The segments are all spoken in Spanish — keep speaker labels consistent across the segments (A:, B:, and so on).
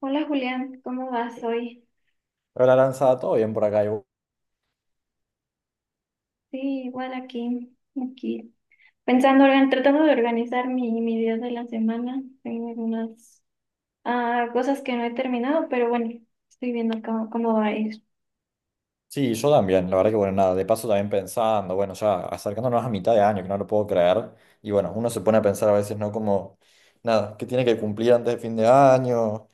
A: Hola Julián, ¿cómo vas hoy?
B: Hola, Aranza, ¿todo bien por acá? ¿Y vos?
A: Sí, igual aquí, aquí. Pensando, tratando de organizar mi día de la semana. Tengo algunas cosas que no he terminado, pero bueno, estoy viendo cómo va a ir.
B: Sí, yo también, la verdad que bueno, nada, de paso también pensando, bueno, ya acercándonos a mitad de año, que no lo puedo creer, y bueno, uno se pone a pensar a veces, ¿no? Como, nada, que tiene que cumplir antes de fin de año,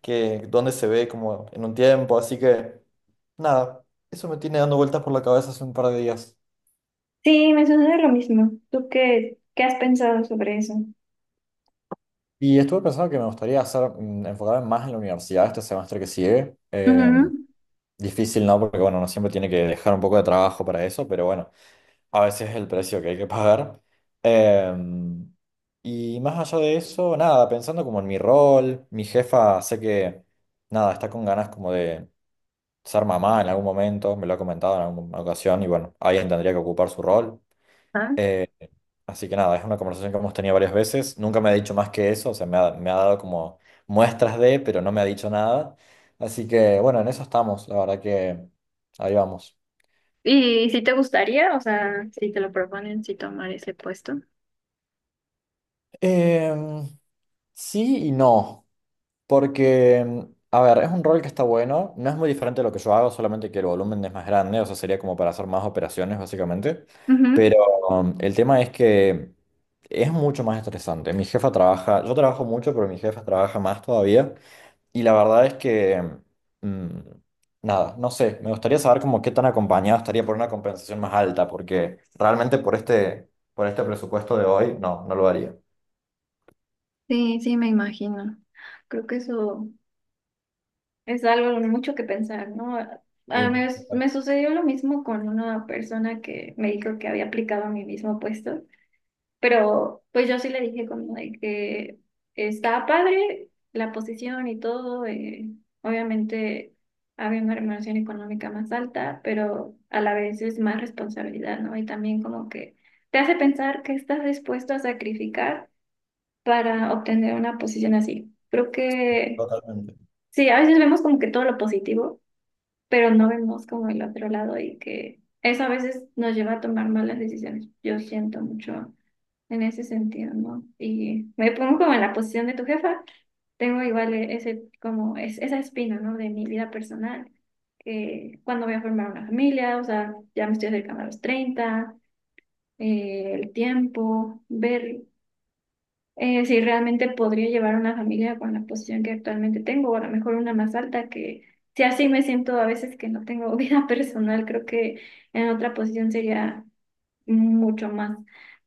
B: que dónde se ve como en un tiempo, así que, nada, eso me tiene dando vueltas por la cabeza hace un par de días.
A: Sí, me sucede lo mismo. ¿Tú qué has pensado sobre eso?
B: Y estuve pensando que me gustaría hacer, enfocarme más en la universidad este semestre que sigue.
A: Ujú.
B: Difícil, ¿no? Porque bueno, uno siempre tiene que dejar un poco de trabajo para eso, pero bueno. A veces es el precio que hay que pagar. Em, y más allá de eso, nada, pensando como en mi rol, mi jefa sé que, nada, está con ganas como de ser mamá en algún momento, me lo ha comentado en alguna ocasión y bueno, alguien tendría que ocupar su rol.
A: Ah.
B: Eh, Así que nada, es una conversación que hemos tenido varias veces, nunca me ha dicho más que eso, o sea, me ha dado como muestras de, pero no me ha dicho nada. Así que bueno, en eso estamos, la verdad que ahí vamos.
A: Y si te gustaría, o sea, si te lo proponen, si tomar ese puesto.
B: Em, sí y no. Porque, a ver, es un rol que está bueno, no es muy diferente a lo que yo hago, solamente que el volumen es más grande, o sea, sería como para hacer más operaciones, básicamente.
A: Ujú.
B: Pero el tema es que es mucho más estresante. Mi jefa trabaja, yo trabajo mucho, pero mi jefa trabaja más todavía. Y la verdad es que, mm, nada, no sé, me gustaría saber como qué tan acompañado estaría por una compensación más alta, porque realmente por este presupuesto de hoy, no, no lo haría.
A: Sí, sí, me imagino. Creo que eso. Es algo mucho que pensar, ¿no?
B: Sí,
A: Me sucedió lo mismo con una persona que me dijo que había aplicado a mi mismo puesto, pero pues yo sí le dije como de que estaba padre la posición y todo, obviamente había una remuneración económica más alta, pero a la vez es más responsabilidad, ¿no? Y también como que te hace pensar que estás dispuesto a sacrificar para obtener una posición así. Creo que
B: totalmente.
A: sí, a veces vemos como que todo lo positivo, pero no vemos como el otro lado y que eso a veces nos lleva a tomar malas decisiones. Yo siento mucho en ese sentido, ¿no? Y me pongo como en la posición de tu jefa, tengo igual ese, como es, esa espina, ¿no? De mi vida personal, que cuando voy a formar una familia, o sea, ya me estoy acercando a los 30, el tiempo, ver si realmente podría llevar una familia con la posición que actualmente tengo, o a lo mejor una más alta, que si así me siento a veces que no tengo vida personal, creo que en otra posición sería mucho más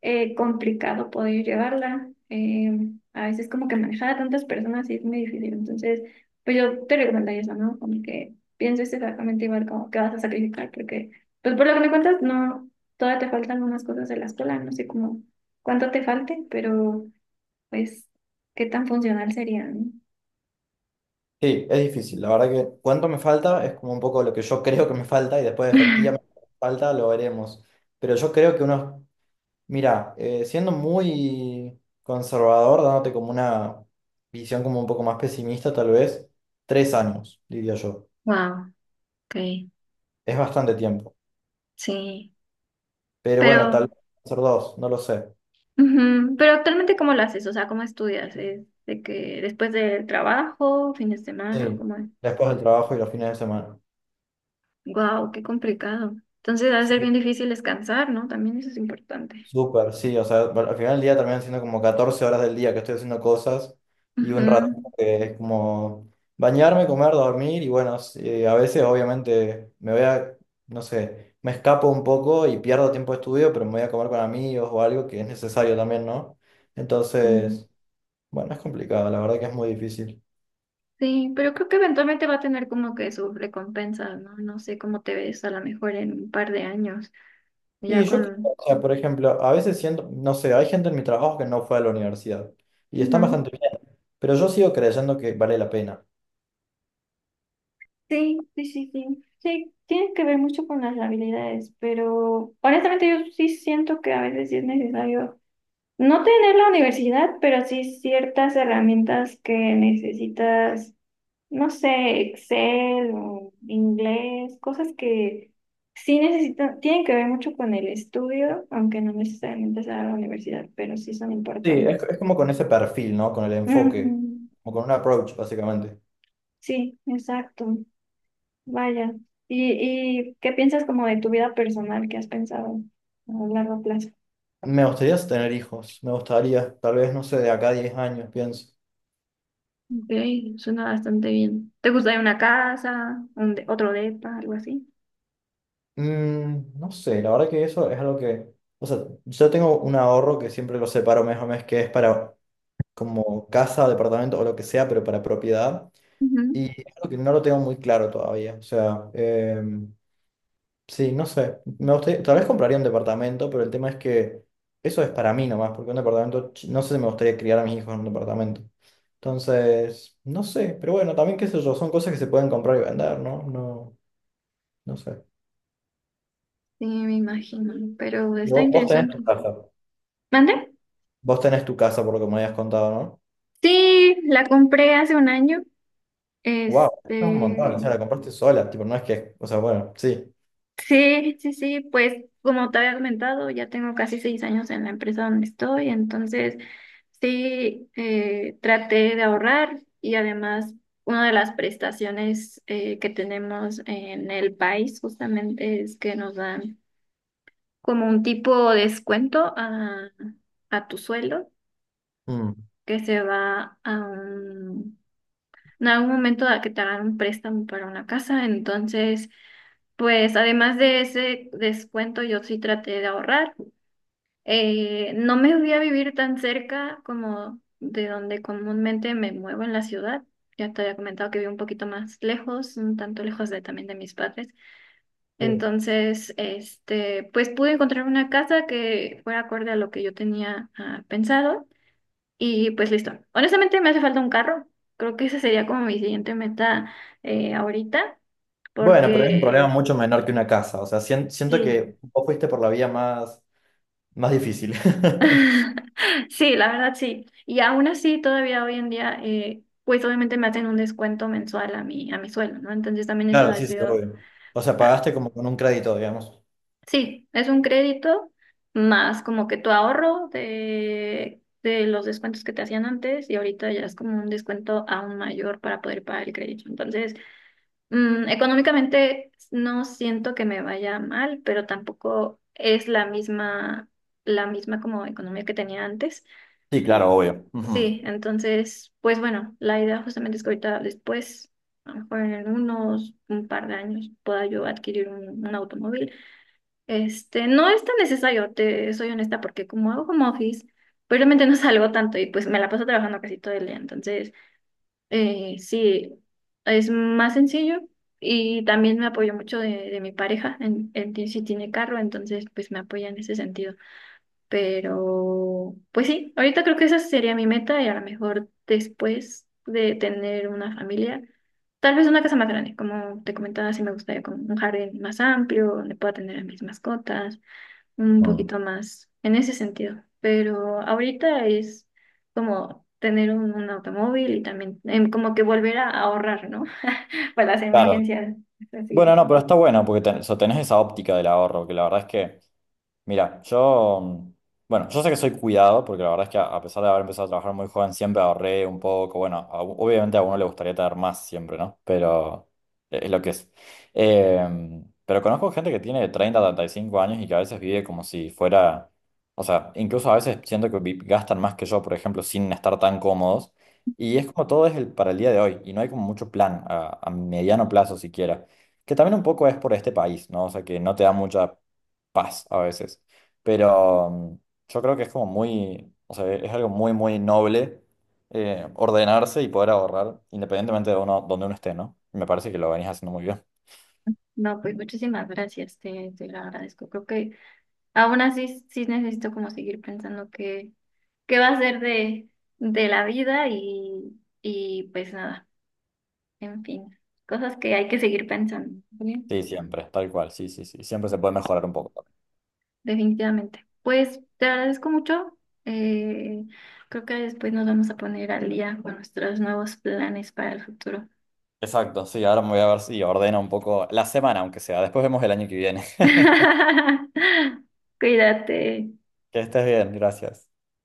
A: complicado poder llevarla. A veces como que manejar a tantas personas sí es muy difícil, entonces pues yo te recomendaría eso, ¿no? Como que pienses exactamente igual como que vas a sacrificar, porque pues por lo que me cuentas, no, todavía te faltan unas cosas de la escuela, no sé cómo cuánto te falte, pero pues, ¿qué tan funcional sería, no?
B: Sí, es difícil. La verdad que cuánto me falta es como un poco lo que yo creo que me falta y después efectivamente falta lo veremos. Pero yo creo que unos, mira, siendo muy conservador, dándote como una visión como un poco más pesimista tal vez, 3 años, diría yo.
A: Wow. Ok,
B: Es bastante tiempo.
A: sí.
B: Pero bueno, tal
A: Pero,
B: vez ser dos, no lo sé.
A: ujú. Pero actualmente, ¿cómo lo haces? O sea, ¿cómo estudias? ¿Es de que después del trabajo, fin de semana,
B: Sí,
A: cómo es?
B: después del trabajo y los fines de semana.
A: Wow, qué complicado. Entonces, va a ser
B: Sí.
A: bien difícil descansar, ¿no? También eso es importante.
B: Súper, sí, o sea, bueno, al final del día también siendo como 14 horas del día que estoy haciendo cosas y un rato
A: Ujú.
B: que es como bañarme, comer, dormir y bueno, sí, a veces obviamente me voy a, no sé, me escapo un poco y pierdo tiempo de estudio, pero me voy a comer con amigos o algo que es necesario también, ¿no?
A: Mm.
B: Entonces, bueno, es complicado, la verdad que es muy difícil.
A: Sí, pero creo que eventualmente va a tener como que su recompensa, ¿no? No sé cómo te ves a lo mejor en un par de años, ya
B: Y yo creo,
A: con...
B: o sea, por ejemplo, a veces siento, no sé, hay gente en mi trabajo que no fue a la universidad y están
A: Ujú.
B: bastante bien, pero yo sigo creyendo que vale la pena.
A: Sí, sí, sí, sí. Sí, tiene que ver mucho con las habilidades, pero honestamente yo sí siento que a veces sí es necesario no tener la universidad, pero sí ciertas herramientas que necesitas, no sé, Excel o inglés, cosas que sí necesitan, tienen que ver mucho con el estudio, aunque no necesariamente sea la universidad, pero sí son
B: Sí,
A: importantes.
B: es como con ese perfil, ¿no? Con el enfoque,
A: Ujú.
B: como con un approach, básicamente.
A: Sí, exacto. Vaya. ¿Y qué piensas como de tu vida personal? ¿Qué has pensado a largo plazo?
B: Me gustaría tener hijos, me gustaría, tal vez, no sé, de acá a 10 años, pienso.
A: Ok, suena bastante bien. ¿Te gustaría una casa, otro depa, algo así?
B: Mm, no sé, la verdad que eso es algo que, o sea, yo tengo un ahorro que siempre lo separo mes a mes, que es para como casa, departamento o lo que sea, pero para propiedad.
A: Ujú.
B: Y es algo que no lo tengo muy claro todavía. O sea, sí, no sé. Me gustaría, tal vez compraría un departamento, pero el tema es que eso es para mí nomás, porque un departamento, ch- no sé si me gustaría criar a mis hijos en un departamento. Entonces, no sé, pero bueno, también qué sé yo, son cosas que se pueden comprar y vender, ¿no? No, no sé.
A: Sí, me imagino, pero está
B: Vos tenés
A: interesante.
B: tu casa.
A: ¿Mande?
B: Vos tenés tu casa, por lo que me habías contado, ¿no?
A: Sí, la compré hace un año.
B: Wow, es un montón, o
A: Este,
B: sea, la compraste sola, tipo, no es que, o sea, bueno, sí.
A: sí, sí, sí, pues como te había comentado, ya tengo casi 6 años en la empresa donde estoy, entonces sí, traté de ahorrar y además una de las prestaciones que tenemos en el país justamente es que nos dan como un tipo de descuento a tu sueldo
B: Mm,
A: que se va a un en algún momento a que te hagan un préstamo para una casa. Entonces, pues además de ese descuento, yo sí traté de ahorrar. No me voy a vivir tan cerca como de donde comúnmente me muevo en la ciudad. Ya te había comentado que vivo un poquito más lejos, un tanto lejos también de mis padres.
B: sí.
A: Entonces, este, pues pude encontrar una casa que fuera acorde a lo que yo tenía pensado. Y pues listo. Honestamente me hace falta un carro. Creo que esa sería como mi siguiente meta ahorita,
B: Bueno, pero es un problema
A: porque
B: mucho menor que una casa, o sea, sien- siento
A: sí.
B: que vos fuiste por la vía más, más difícil.
A: Sí, la verdad sí. Y aún así, todavía hoy en día, pues obviamente me hacen un descuento mensual a mi sueldo, ¿no? Entonces también eso
B: Claro,
A: ha
B: sí, sí,
A: sido,
B: obvio. O sea,
A: ah,
B: pagaste como con un crédito, digamos.
A: sí, es un crédito más como que tu ahorro de los descuentos que te hacían antes y ahorita ya es como un descuento aún mayor para poder pagar el crédito. Entonces... Económicamente no siento que me vaya mal, pero tampoco es la misma como economía que tenía antes.
B: Sí, claro,
A: En-
B: obvio. Ujú.
A: sí, entonces, pues bueno, la idea justamente es que ahorita después, a lo mejor en unos un par de años, pueda yo adquirir un automóvil. Este, no es tan necesario, te soy honesta, porque como hago home office, pues realmente no salgo tanto y pues me la paso trabajando casi todo el día. Entonces, sí, es más sencillo y también me apoyo mucho de mi pareja. En ti sí tiene carro, entonces pues me apoya en ese sentido. Pero pues sí, ahorita creo que esa sería mi meta y a lo mejor después de tener una familia, tal vez una casa más grande, como te comentaba, sí me gustaría con un jardín más amplio donde pueda tener a mis mascotas un
B: Mm,
A: poquito más en ese sentido. Pero ahorita es como tener un automóvil y también como que volver a ahorrar, ¿no? Para las
B: claro.
A: emergencias. Así.
B: Bueno, no, pero está bueno porque ten- o sea, tenés esa óptica del ahorro, que la verdad es que mira, yo, bueno, yo sé que soy cuidado, porque la verdad es que a pesar de haber empezado a trabajar muy joven, siempre ahorré un poco. Bueno, a- obviamente a uno le gustaría tener más siempre, ¿no? Pero es lo que es. Eh, pero conozco gente que tiene 30, 35 años y que a veces vive como si fuera, o sea, incluso a veces siento que vi- gastan más que yo, por ejemplo, sin estar tan cómodos. Y es como todo es el, para el día de hoy, y no hay como mucho plan a, mediano plazo siquiera. Que también un poco es por este país, ¿no? O sea, que no te da mucha paz a veces. Pero yo creo que es como muy, o sea, es algo muy, muy noble ordenarse y poder ahorrar independientemente de uno, donde uno esté, ¿no? Me parece que lo venís haciendo muy bien.
A: No, pues muchísimas gracias, te lo agradezco. Creo que aún así sí necesito como seguir pensando qué va a ser de la vida y pues nada, en fin, cosas que hay que seguir pensando. ¿Vale?
B: Sí, siempre, tal cual, sí, sí, sí. Siempre se puede mejorar un poco también.
A: Definitivamente. Pues te agradezco mucho. Eh, Creo que después nos vamos a poner al día con nuestros nuevos planes para el futuro.
B: Exacto, sí, ahora me voy a ver si ordeno un poco la semana, aunque sea. Después vemos el año que viene.
A: Cuídate.
B: Que estés bien, gracias.